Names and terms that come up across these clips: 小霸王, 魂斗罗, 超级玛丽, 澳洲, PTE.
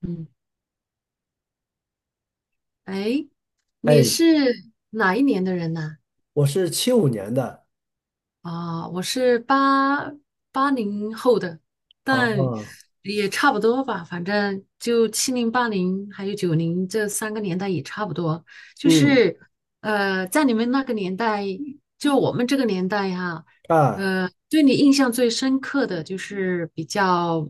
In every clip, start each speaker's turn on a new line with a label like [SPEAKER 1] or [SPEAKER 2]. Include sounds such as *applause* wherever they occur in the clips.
[SPEAKER 1] 嗯，哎，你
[SPEAKER 2] 哎，
[SPEAKER 1] 是哪一年的人呐？
[SPEAKER 2] 我是75年的。
[SPEAKER 1] 我是八零后的，但
[SPEAKER 2] 哦，
[SPEAKER 1] 也差不多吧。反正就七零、八零还有九零这三个年代也差不多。就
[SPEAKER 2] 嗯，
[SPEAKER 1] 是在你们那个年代，就我们这个年代哈，
[SPEAKER 2] 啊，
[SPEAKER 1] 对你印象最深刻的就是比较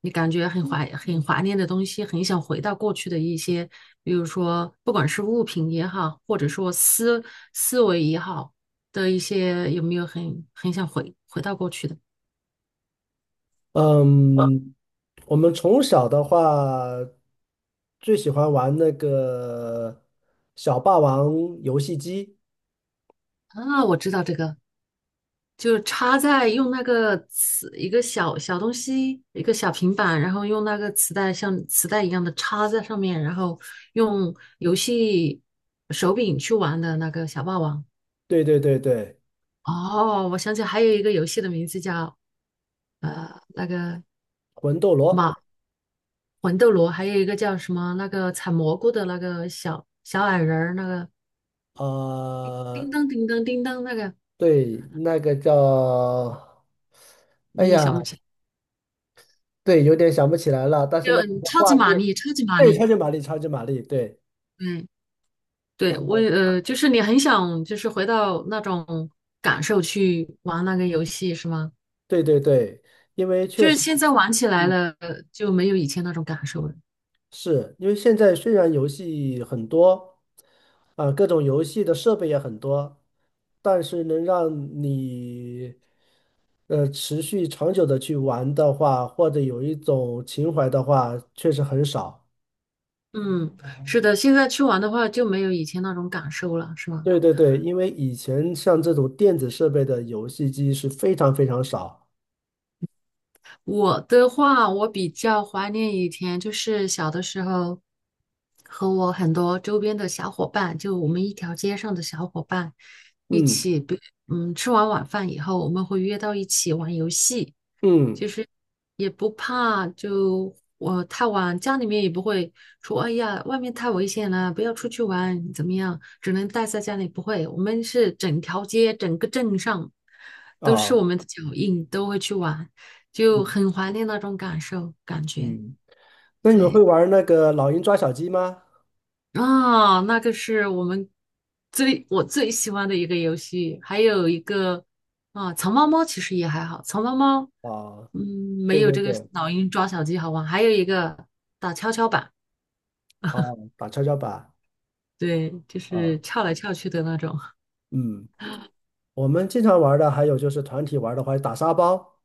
[SPEAKER 1] 你感觉很怀念的东西，很想回到过去的一些，比如说不管是物品也好，或者说思维也好。的一些有没有很想回到过去的？
[SPEAKER 2] 嗯，我们从小的话，最喜欢玩那个小霸王游戏机。
[SPEAKER 1] 啊？我知道这个，就是插在用那个磁一个小小东西，一个小平板，然后用那个磁带像磁带一样的插在上面，然后用游戏手柄去玩的那个小霸王。
[SPEAKER 2] 对对对对，
[SPEAKER 1] 哦，我想起还有一个游戏的名字叫呃那个
[SPEAKER 2] 魂斗罗。
[SPEAKER 1] 马魂斗罗，还有一个叫什么那个采蘑菇的那个小小矮人儿，那个
[SPEAKER 2] 啊，
[SPEAKER 1] 叮当叮当叮当那个，
[SPEAKER 2] 对，那个叫，哎
[SPEAKER 1] 你也
[SPEAKER 2] 呀，
[SPEAKER 1] 想不起来。
[SPEAKER 2] 对，有点想不起来了，但是那个
[SPEAKER 1] 超
[SPEAKER 2] 画
[SPEAKER 1] 级玛
[SPEAKER 2] 面，
[SPEAKER 1] 丽，超级玛
[SPEAKER 2] 对，
[SPEAKER 1] 丽。
[SPEAKER 2] 超级玛丽，超级玛丽，对。
[SPEAKER 1] 嗯，
[SPEAKER 2] 啊，
[SPEAKER 1] 对，就是你很想就是回到那种感受去玩那个游戏是吗？
[SPEAKER 2] 对对对，因为
[SPEAKER 1] 就
[SPEAKER 2] 确
[SPEAKER 1] 是
[SPEAKER 2] 实。
[SPEAKER 1] 现在玩起来
[SPEAKER 2] 嗯。
[SPEAKER 1] 了呃就没有以前那种感受了。
[SPEAKER 2] 是因为现在虽然游戏很多，啊，各种游戏的设备也很多，但是能让你持续长久的去玩的话，或者有一种情怀的话，确实很少。
[SPEAKER 1] 嗯，是的，现在去玩的话就没有以前那种感受了，是吗？
[SPEAKER 2] 对对对，因为以前像这种电子设备的游戏机是非常非常少。
[SPEAKER 1] 我的话，我比较怀念以前，就是小的时候，和我很多周边的小伙伴，就我们一条街上的小伙伴，一
[SPEAKER 2] 嗯
[SPEAKER 1] 起，比嗯，吃完晚饭以后，我们会约到一起玩游戏。
[SPEAKER 2] 嗯，
[SPEAKER 1] 其实也不怕，就我太晚，家里面也不会说，哎呀，外面太危险了，不要出去玩，怎么样？只能待在家里，不会。我们是整条街、整个镇上都是我
[SPEAKER 2] 啊，
[SPEAKER 1] 们的脚印，都会去玩，就
[SPEAKER 2] 嗯
[SPEAKER 1] 很怀念那种感受感觉。
[SPEAKER 2] 嗯，那你们会
[SPEAKER 1] 对，
[SPEAKER 2] 玩那个老鹰抓小鸡吗？
[SPEAKER 1] 啊，那个是我最喜欢的一个游戏，还有一个，啊，藏猫猫其实也还好，藏猫猫
[SPEAKER 2] 啊，
[SPEAKER 1] 嗯没
[SPEAKER 2] 对
[SPEAKER 1] 有
[SPEAKER 2] 对
[SPEAKER 1] 这个
[SPEAKER 2] 对。
[SPEAKER 1] 老鹰抓小鸡好玩。还有一个打跷跷板，
[SPEAKER 2] 啊，打跷跷板。
[SPEAKER 1] 对，就
[SPEAKER 2] 啊，
[SPEAKER 1] 是翘来翘去的那种。
[SPEAKER 2] 嗯。我们经常玩儿的还有就是团体玩儿的话，打沙包，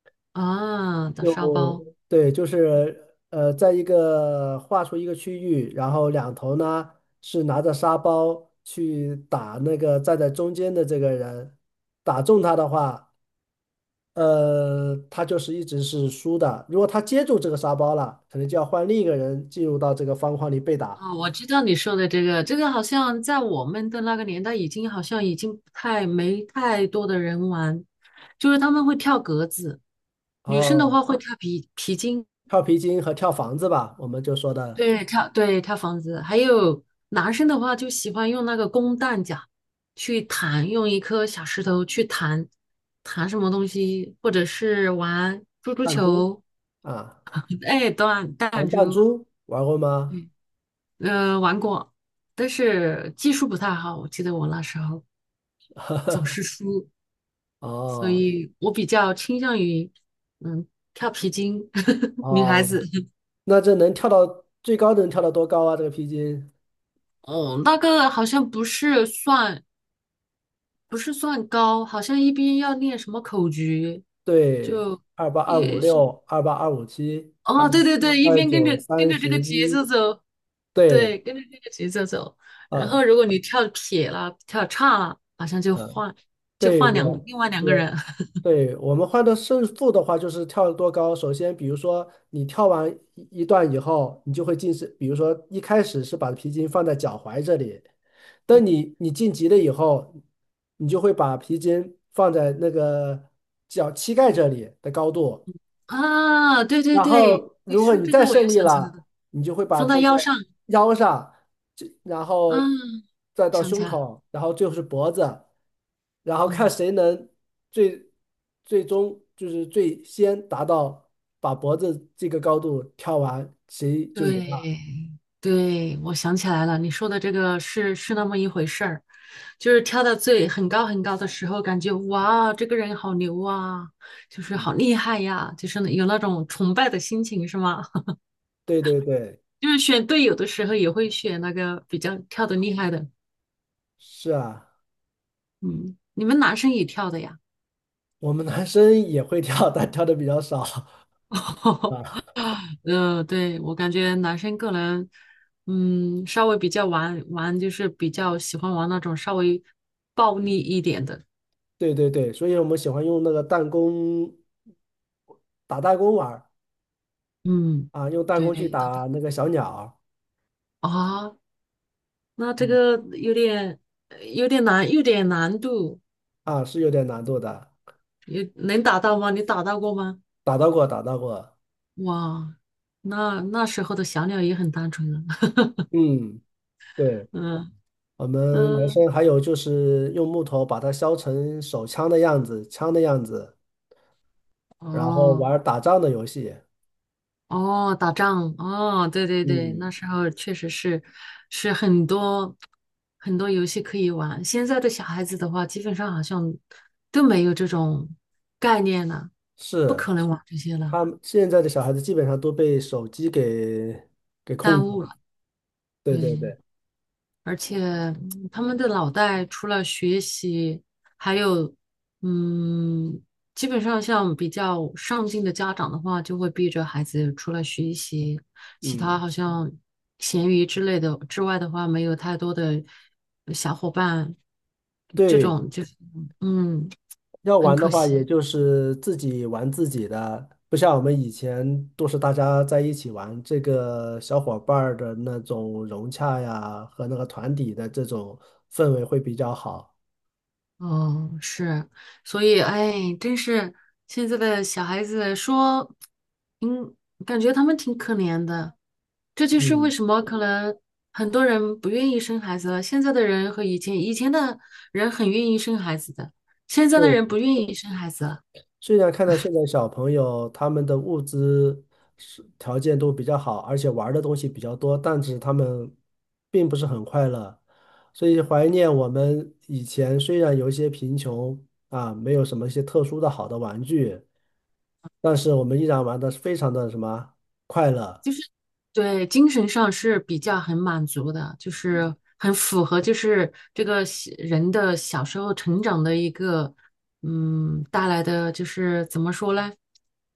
[SPEAKER 1] *laughs* 啊，打沙包。
[SPEAKER 2] 用，对，就是在一个画出一个区域，然后两头呢是拿着沙包去打那个站在中间的这个人，打中他的话，他就是一直是输的。如果他接住这个沙包了，可能就要换另一个人进入到这个方框里被打。
[SPEAKER 1] 啊，我知道你说的这个，这个好像在我们的那个年代已经好像已经不太没太多的人玩，就是他们会跳格子，女生的
[SPEAKER 2] 哦，
[SPEAKER 1] 话会跳皮筋。
[SPEAKER 2] 跳皮筋和跳房子吧，我们就说的
[SPEAKER 1] 对跳对跳房子，还有男生的话就喜欢用那个弓弹夹去弹，用一颗小石头去弹弹什么东西，或者是玩珠珠
[SPEAKER 2] 弹珠。
[SPEAKER 1] 球，
[SPEAKER 2] 啊，
[SPEAKER 1] 哎，弹弹
[SPEAKER 2] 弹弹
[SPEAKER 1] 珠。
[SPEAKER 2] 珠玩过吗？
[SPEAKER 1] 嗯，玩过，但是技术不太好，我记得我那时候总是输，所
[SPEAKER 2] 哦
[SPEAKER 1] 以我比较倾向于嗯跳皮筋。*laughs* 女孩
[SPEAKER 2] 哦，
[SPEAKER 1] 子。
[SPEAKER 2] 那这能跳到最高能跳到多高啊？这个皮筋，
[SPEAKER 1] 哦，那个好像不是算，不是算高，好像一边要念什么口诀，
[SPEAKER 2] 对，
[SPEAKER 1] 就
[SPEAKER 2] 二八二五
[SPEAKER 1] 也是，
[SPEAKER 2] 六、二八二五七、二
[SPEAKER 1] 哦，对对对，一
[SPEAKER 2] 二
[SPEAKER 1] 边跟
[SPEAKER 2] 九、
[SPEAKER 1] 着跟
[SPEAKER 2] 三
[SPEAKER 1] 着
[SPEAKER 2] 十
[SPEAKER 1] 这个节
[SPEAKER 2] 一。
[SPEAKER 1] 奏走，
[SPEAKER 2] 对，
[SPEAKER 1] 对，跟着这个节奏走。然后
[SPEAKER 2] 啊
[SPEAKER 1] 如果你跳撇了、跳岔了，好像就
[SPEAKER 2] 啊，
[SPEAKER 1] 换就
[SPEAKER 2] 对
[SPEAKER 1] 换两
[SPEAKER 2] 我
[SPEAKER 1] 另外两个
[SPEAKER 2] 我
[SPEAKER 1] 人。
[SPEAKER 2] 对，我们换的胜负的话，就是跳得多高。首先，比如说你跳完一段以后，你就会进是，比如说一开始是把皮筋放在脚踝这里，等你晋级了以后，你就会把皮筋放在那个脚膝盖这里的高度。
[SPEAKER 1] *laughs* 啊，对对
[SPEAKER 2] 然
[SPEAKER 1] 对，
[SPEAKER 2] 后
[SPEAKER 1] 你
[SPEAKER 2] 如果
[SPEAKER 1] 说
[SPEAKER 2] 你
[SPEAKER 1] 这
[SPEAKER 2] 再
[SPEAKER 1] 个我又
[SPEAKER 2] 胜利
[SPEAKER 1] 想起来
[SPEAKER 2] 了，
[SPEAKER 1] 了，
[SPEAKER 2] 你就会把
[SPEAKER 1] 放到
[SPEAKER 2] 这
[SPEAKER 1] 腰
[SPEAKER 2] 个
[SPEAKER 1] 上，
[SPEAKER 2] 腰上，然后
[SPEAKER 1] 嗯，
[SPEAKER 2] 再到
[SPEAKER 1] 想起
[SPEAKER 2] 胸
[SPEAKER 1] 来。
[SPEAKER 2] 口，然后最后是脖子，然后看
[SPEAKER 1] 嗯。
[SPEAKER 2] 谁能最最终就是最先达到把脖子这个高度跳完，谁就赢了。
[SPEAKER 1] 对，对，我想起来了，你说的这个是那么一回事儿，就是跳到最很高很高的时候，感觉哇，这个人好牛啊，就是
[SPEAKER 2] 嗯，
[SPEAKER 1] 好厉害呀，就是有那种崇拜的心情，是吗？*laughs*
[SPEAKER 2] 对对对，
[SPEAKER 1] 就是选队友的时候也会选那个比较跳得厉害的。
[SPEAKER 2] 是啊，
[SPEAKER 1] 嗯，你们男生也跳的呀？
[SPEAKER 2] 我们男生也会跳，但跳的比较少 *laughs*
[SPEAKER 1] *laughs*
[SPEAKER 2] 啊。
[SPEAKER 1] 对，我感觉男生个人，嗯，稍微比较玩玩，就是比较喜欢玩那种稍微暴力一点的。
[SPEAKER 2] 对对对，所以我们喜欢用那个弹弓打弹弓玩儿。
[SPEAKER 1] 嗯，
[SPEAKER 2] 啊，用弹
[SPEAKER 1] 对，
[SPEAKER 2] 弓去
[SPEAKER 1] 等等
[SPEAKER 2] 打那个小鸟。
[SPEAKER 1] 啊，那这
[SPEAKER 2] 嗯，
[SPEAKER 1] 个有点有点难，有点难度。
[SPEAKER 2] 啊，是有点难度的，
[SPEAKER 1] 有能打到吗？你打到过吗？
[SPEAKER 2] 打到过，打到过。
[SPEAKER 1] 哇，那那时候的小鸟也很单纯了。
[SPEAKER 2] 嗯，对，
[SPEAKER 1] *laughs* 嗯
[SPEAKER 2] 我们男生
[SPEAKER 1] 嗯，
[SPEAKER 2] 还有就是用木头把它削成手枪的样子，枪的样子，然后
[SPEAKER 1] 哦
[SPEAKER 2] 玩儿打仗的游戏。
[SPEAKER 1] 哦，打仗哦，对对对，
[SPEAKER 2] 嗯，
[SPEAKER 1] 那时候确实是是很多很多游戏可以玩，现在的小孩子的话，基本上好像都没有这种概念了，不
[SPEAKER 2] 是，
[SPEAKER 1] 可能玩这些了，
[SPEAKER 2] 他们现在的小孩子基本上都被手机给控
[SPEAKER 1] 耽
[SPEAKER 2] 制了。
[SPEAKER 1] 误了，
[SPEAKER 2] 对对
[SPEAKER 1] 对。
[SPEAKER 2] 对，
[SPEAKER 1] 而且他们的脑袋除了学习，还有，嗯，基本上像比较上进的家长的话，就会逼着孩子除了学习，其他
[SPEAKER 2] 嗯，
[SPEAKER 1] 好像闲鱼之类的之外的话，没有太多的小伙伴，这
[SPEAKER 2] 对。
[SPEAKER 1] 种就是嗯，
[SPEAKER 2] 要
[SPEAKER 1] 很
[SPEAKER 2] 玩的
[SPEAKER 1] 可
[SPEAKER 2] 话，也
[SPEAKER 1] 惜。
[SPEAKER 2] 就是自己玩自己的，不像我们以前都是大家在一起玩，这个小伙伴儿的那种融洽呀，和那个团体的这种氛围会比较好。
[SPEAKER 1] 哦，是，所以哎，真是现在的小孩子说，嗯，感觉他们挺可怜的。这就是为
[SPEAKER 2] 嗯，
[SPEAKER 1] 什么可能很多人不愿意生孩子了。现在的人和以前，以前的人很愿意生孩子的，现在的人
[SPEAKER 2] 对。
[SPEAKER 1] 不愿意生孩子了。
[SPEAKER 2] 虽然看到现在小朋友他们的物资是条件都比较好，而且玩儿的东西比较多，但是他们并不是很快乐，所以怀念我们以前虽然有一些贫穷啊，没有什么一些特殊的好的玩具，但是我们依然玩的非常的什么快乐。
[SPEAKER 1] 对，精神上是比较很满足的，就是很符合，就是这个小人的小时候成长的一个，嗯，带来的就是怎么说呢，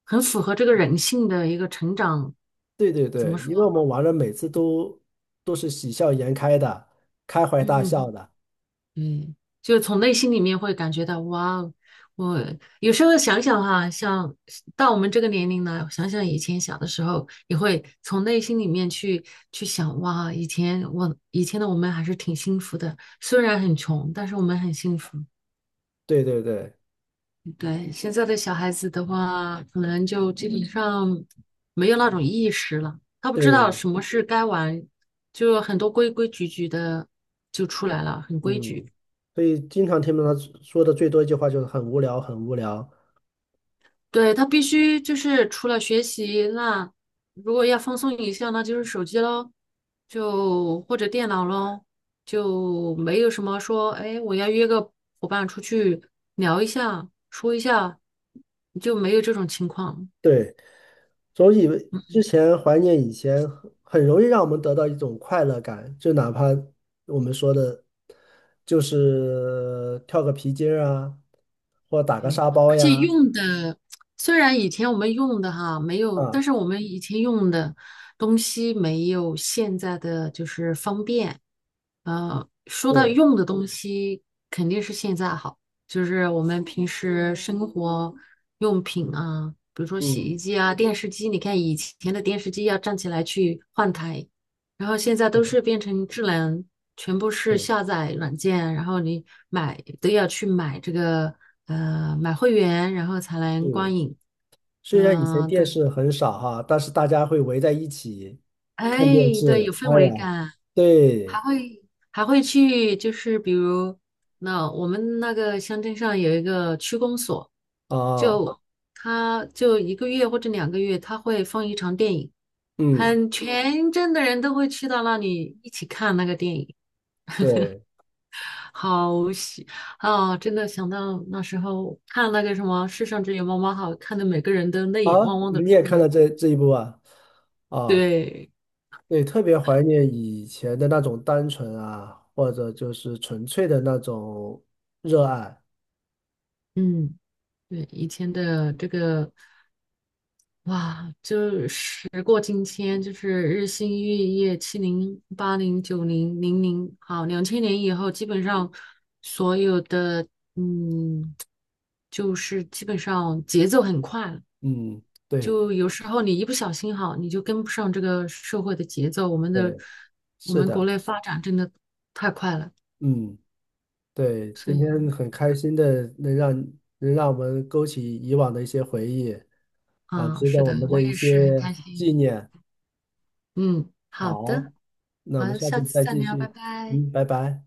[SPEAKER 1] 很符合这个人性的一个成长，
[SPEAKER 2] 对对
[SPEAKER 1] 怎
[SPEAKER 2] 对，
[SPEAKER 1] 么
[SPEAKER 2] 因为
[SPEAKER 1] 说？
[SPEAKER 2] 我们玩的每次都是喜笑颜开的，开怀大笑
[SPEAKER 1] 嗯，
[SPEAKER 2] 的。
[SPEAKER 1] 对，就是从内心里面会感觉到，哇哦，我有时候想想哈，像到我们这个年龄呢，想想以前小的时候，也会从内心里面去想，哇，以前我以前的我们还是挺幸福的，虽然很穷，但是我们很幸福。
[SPEAKER 2] 对对对
[SPEAKER 1] 对，现在的小孩子的话，可能就基本上没有那种意识了，他不知道
[SPEAKER 2] 对。
[SPEAKER 1] 什么是该玩，就很多规规矩矩的就出来了，很规矩。
[SPEAKER 2] 嗯，所以经常听到他说的最多一句话就是很无聊，很无聊。
[SPEAKER 1] 对，他必须就是除了学习，那如果要放松一下，那就是手机喽，就或者电脑喽，就没有什么说，哎，我要约个伙伴出去聊一下，说一下，就没有这种情况。
[SPEAKER 2] 对，总以为之前怀念以前，很容易让我们得到一种快乐感，就哪怕我们说的，就是跳个皮筋儿啊，或打个
[SPEAKER 1] 对，
[SPEAKER 2] 沙包
[SPEAKER 1] 而且
[SPEAKER 2] 呀，
[SPEAKER 1] 用的虽然以前我们用的哈没有，
[SPEAKER 2] 啊，
[SPEAKER 1] 但是我们以前用的东西没有现在的就是方便。说到
[SPEAKER 2] 对，
[SPEAKER 1] 用的东西，肯定是现在好，就是我们平时生活用品啊，比如说洗衣
[SPEAKER 2] 嗯，
[SPEAKER 1] 机啊、电视机。你看以前的电视机要站起来去换台，然后现在
[SPEAKER 2] 对，
[SPEAKER 1] 都是变成智能，全部是
[SPEAKER 2] 对，
[SPEAKER 1] 下载软件，然后你买都要去买这个买会员，然后才能
[SPEAKER 2] 是。
[SPEAKER 1] 观影。
[SPEAKER 2] 虽然以前
[SPEAKER 1] 嗯，对，
[SPEAKER 2] 电视很少哈，但是大家会围在一起看电
[SPEAKER 1] 哎，对，有
[SPEAKER 2] 视。
[SPEAKER 1] 氛
[SPEAKER 2] 哎
[SPEAKER 1] 围
[SPEAKER 2] 呀，
[SPEAKER 1] 感，还
[SPEAKER 2] 对，
[SPEAKER 1] 会还会去，就是比如那我们那个乡镇上有一个区公所，
[SPEAKER 2] 啊，
[SPEAKER 1] 就他就一个月或者两个月，他会放一场电影，
[SPEAKER 2] 嗯，
[SPEAKER 1] 很全镇的人都会去到那里一起看那个电影。
[SPEAKER 2] 对。
[SPEAKER 1] 好喜啊！真的想到那时候看那个什么《世上只有妈妈好》，看的每个人都泪眼
[SPEAKER 2] 啊，
[SPEAKER 1] 汪汪的出
[SPEAKER 2] 你也看到
[SPEAKER 1] 来。
[SPEAKER 2] 这一步啊？啊，
[SPEAKER 1] 对，
[SPEAKER 2] 对，特别怀念以前的那种单纯啊，或者就是纯粹的那种热爱。
[SPEAKER 1] 嗯，对，以前的这个哇，就时过境迁，就是日新月异，七零、八零、九零、零零，好，2000年以后，基本上所有的，嗯，就是基本上节奏很快，
[SPEAKER 2] 嗯，对
[SPEAKER 1] 就有时候你一不小心哈，你就跟不上这个社会的节奏。我们的
[SPEAKER 2] 对，
[SPEAKER 1] 我
[SPEAKER 2] 是
[SPEAKER 1] 们国
[SPEAKER 2] 的，
[SPEAKER 1] 内发展真的太快了，
[SPEAKER 2] 嗯，对，
[SPEAKER 1] 所
[SPEAKER 2] 今天
[SPEAKER 1] 以
[SPEAKER 2] 很开心的能让我们勾起以往的一些回忆。啊，
[SPEAKER 1] 啊，
[SPEAKER 2] 值得
[SPEAKER 1] 是
[SPEAKER 2] 我
[SPEAKER 1] 的，
[SPEAKER 2] 们的
[SPEAKER 1] 我
[SPEAKER 2] 一
[SPEAKER 1] 也是很开
[SPEAKER 2] 些纪
[SPEAKER 1] 心。
[SPEAKER 2] 念。
[SPEAKER 1] 嗯，好
[SPEAKER 2] 好，
[SPEAKER 1] 的，
[SPEAKER 2] 那我们
[SPEAKER 1] 好，
[SPEAKER 2] 下
[SPEAKER 1] 下
[SPEAKER 2] 次
[SPEAKER 1] 次
[SPEAKER 2] 再
[SPEAKER 1] 再
[SPEAKER 2] 继
[SPEAKER 1] 聊，拜
[SPEAKER 2] 续。
[SPEAKER 1] 拜。
[SPEAKER 2] 嗯，拜拜。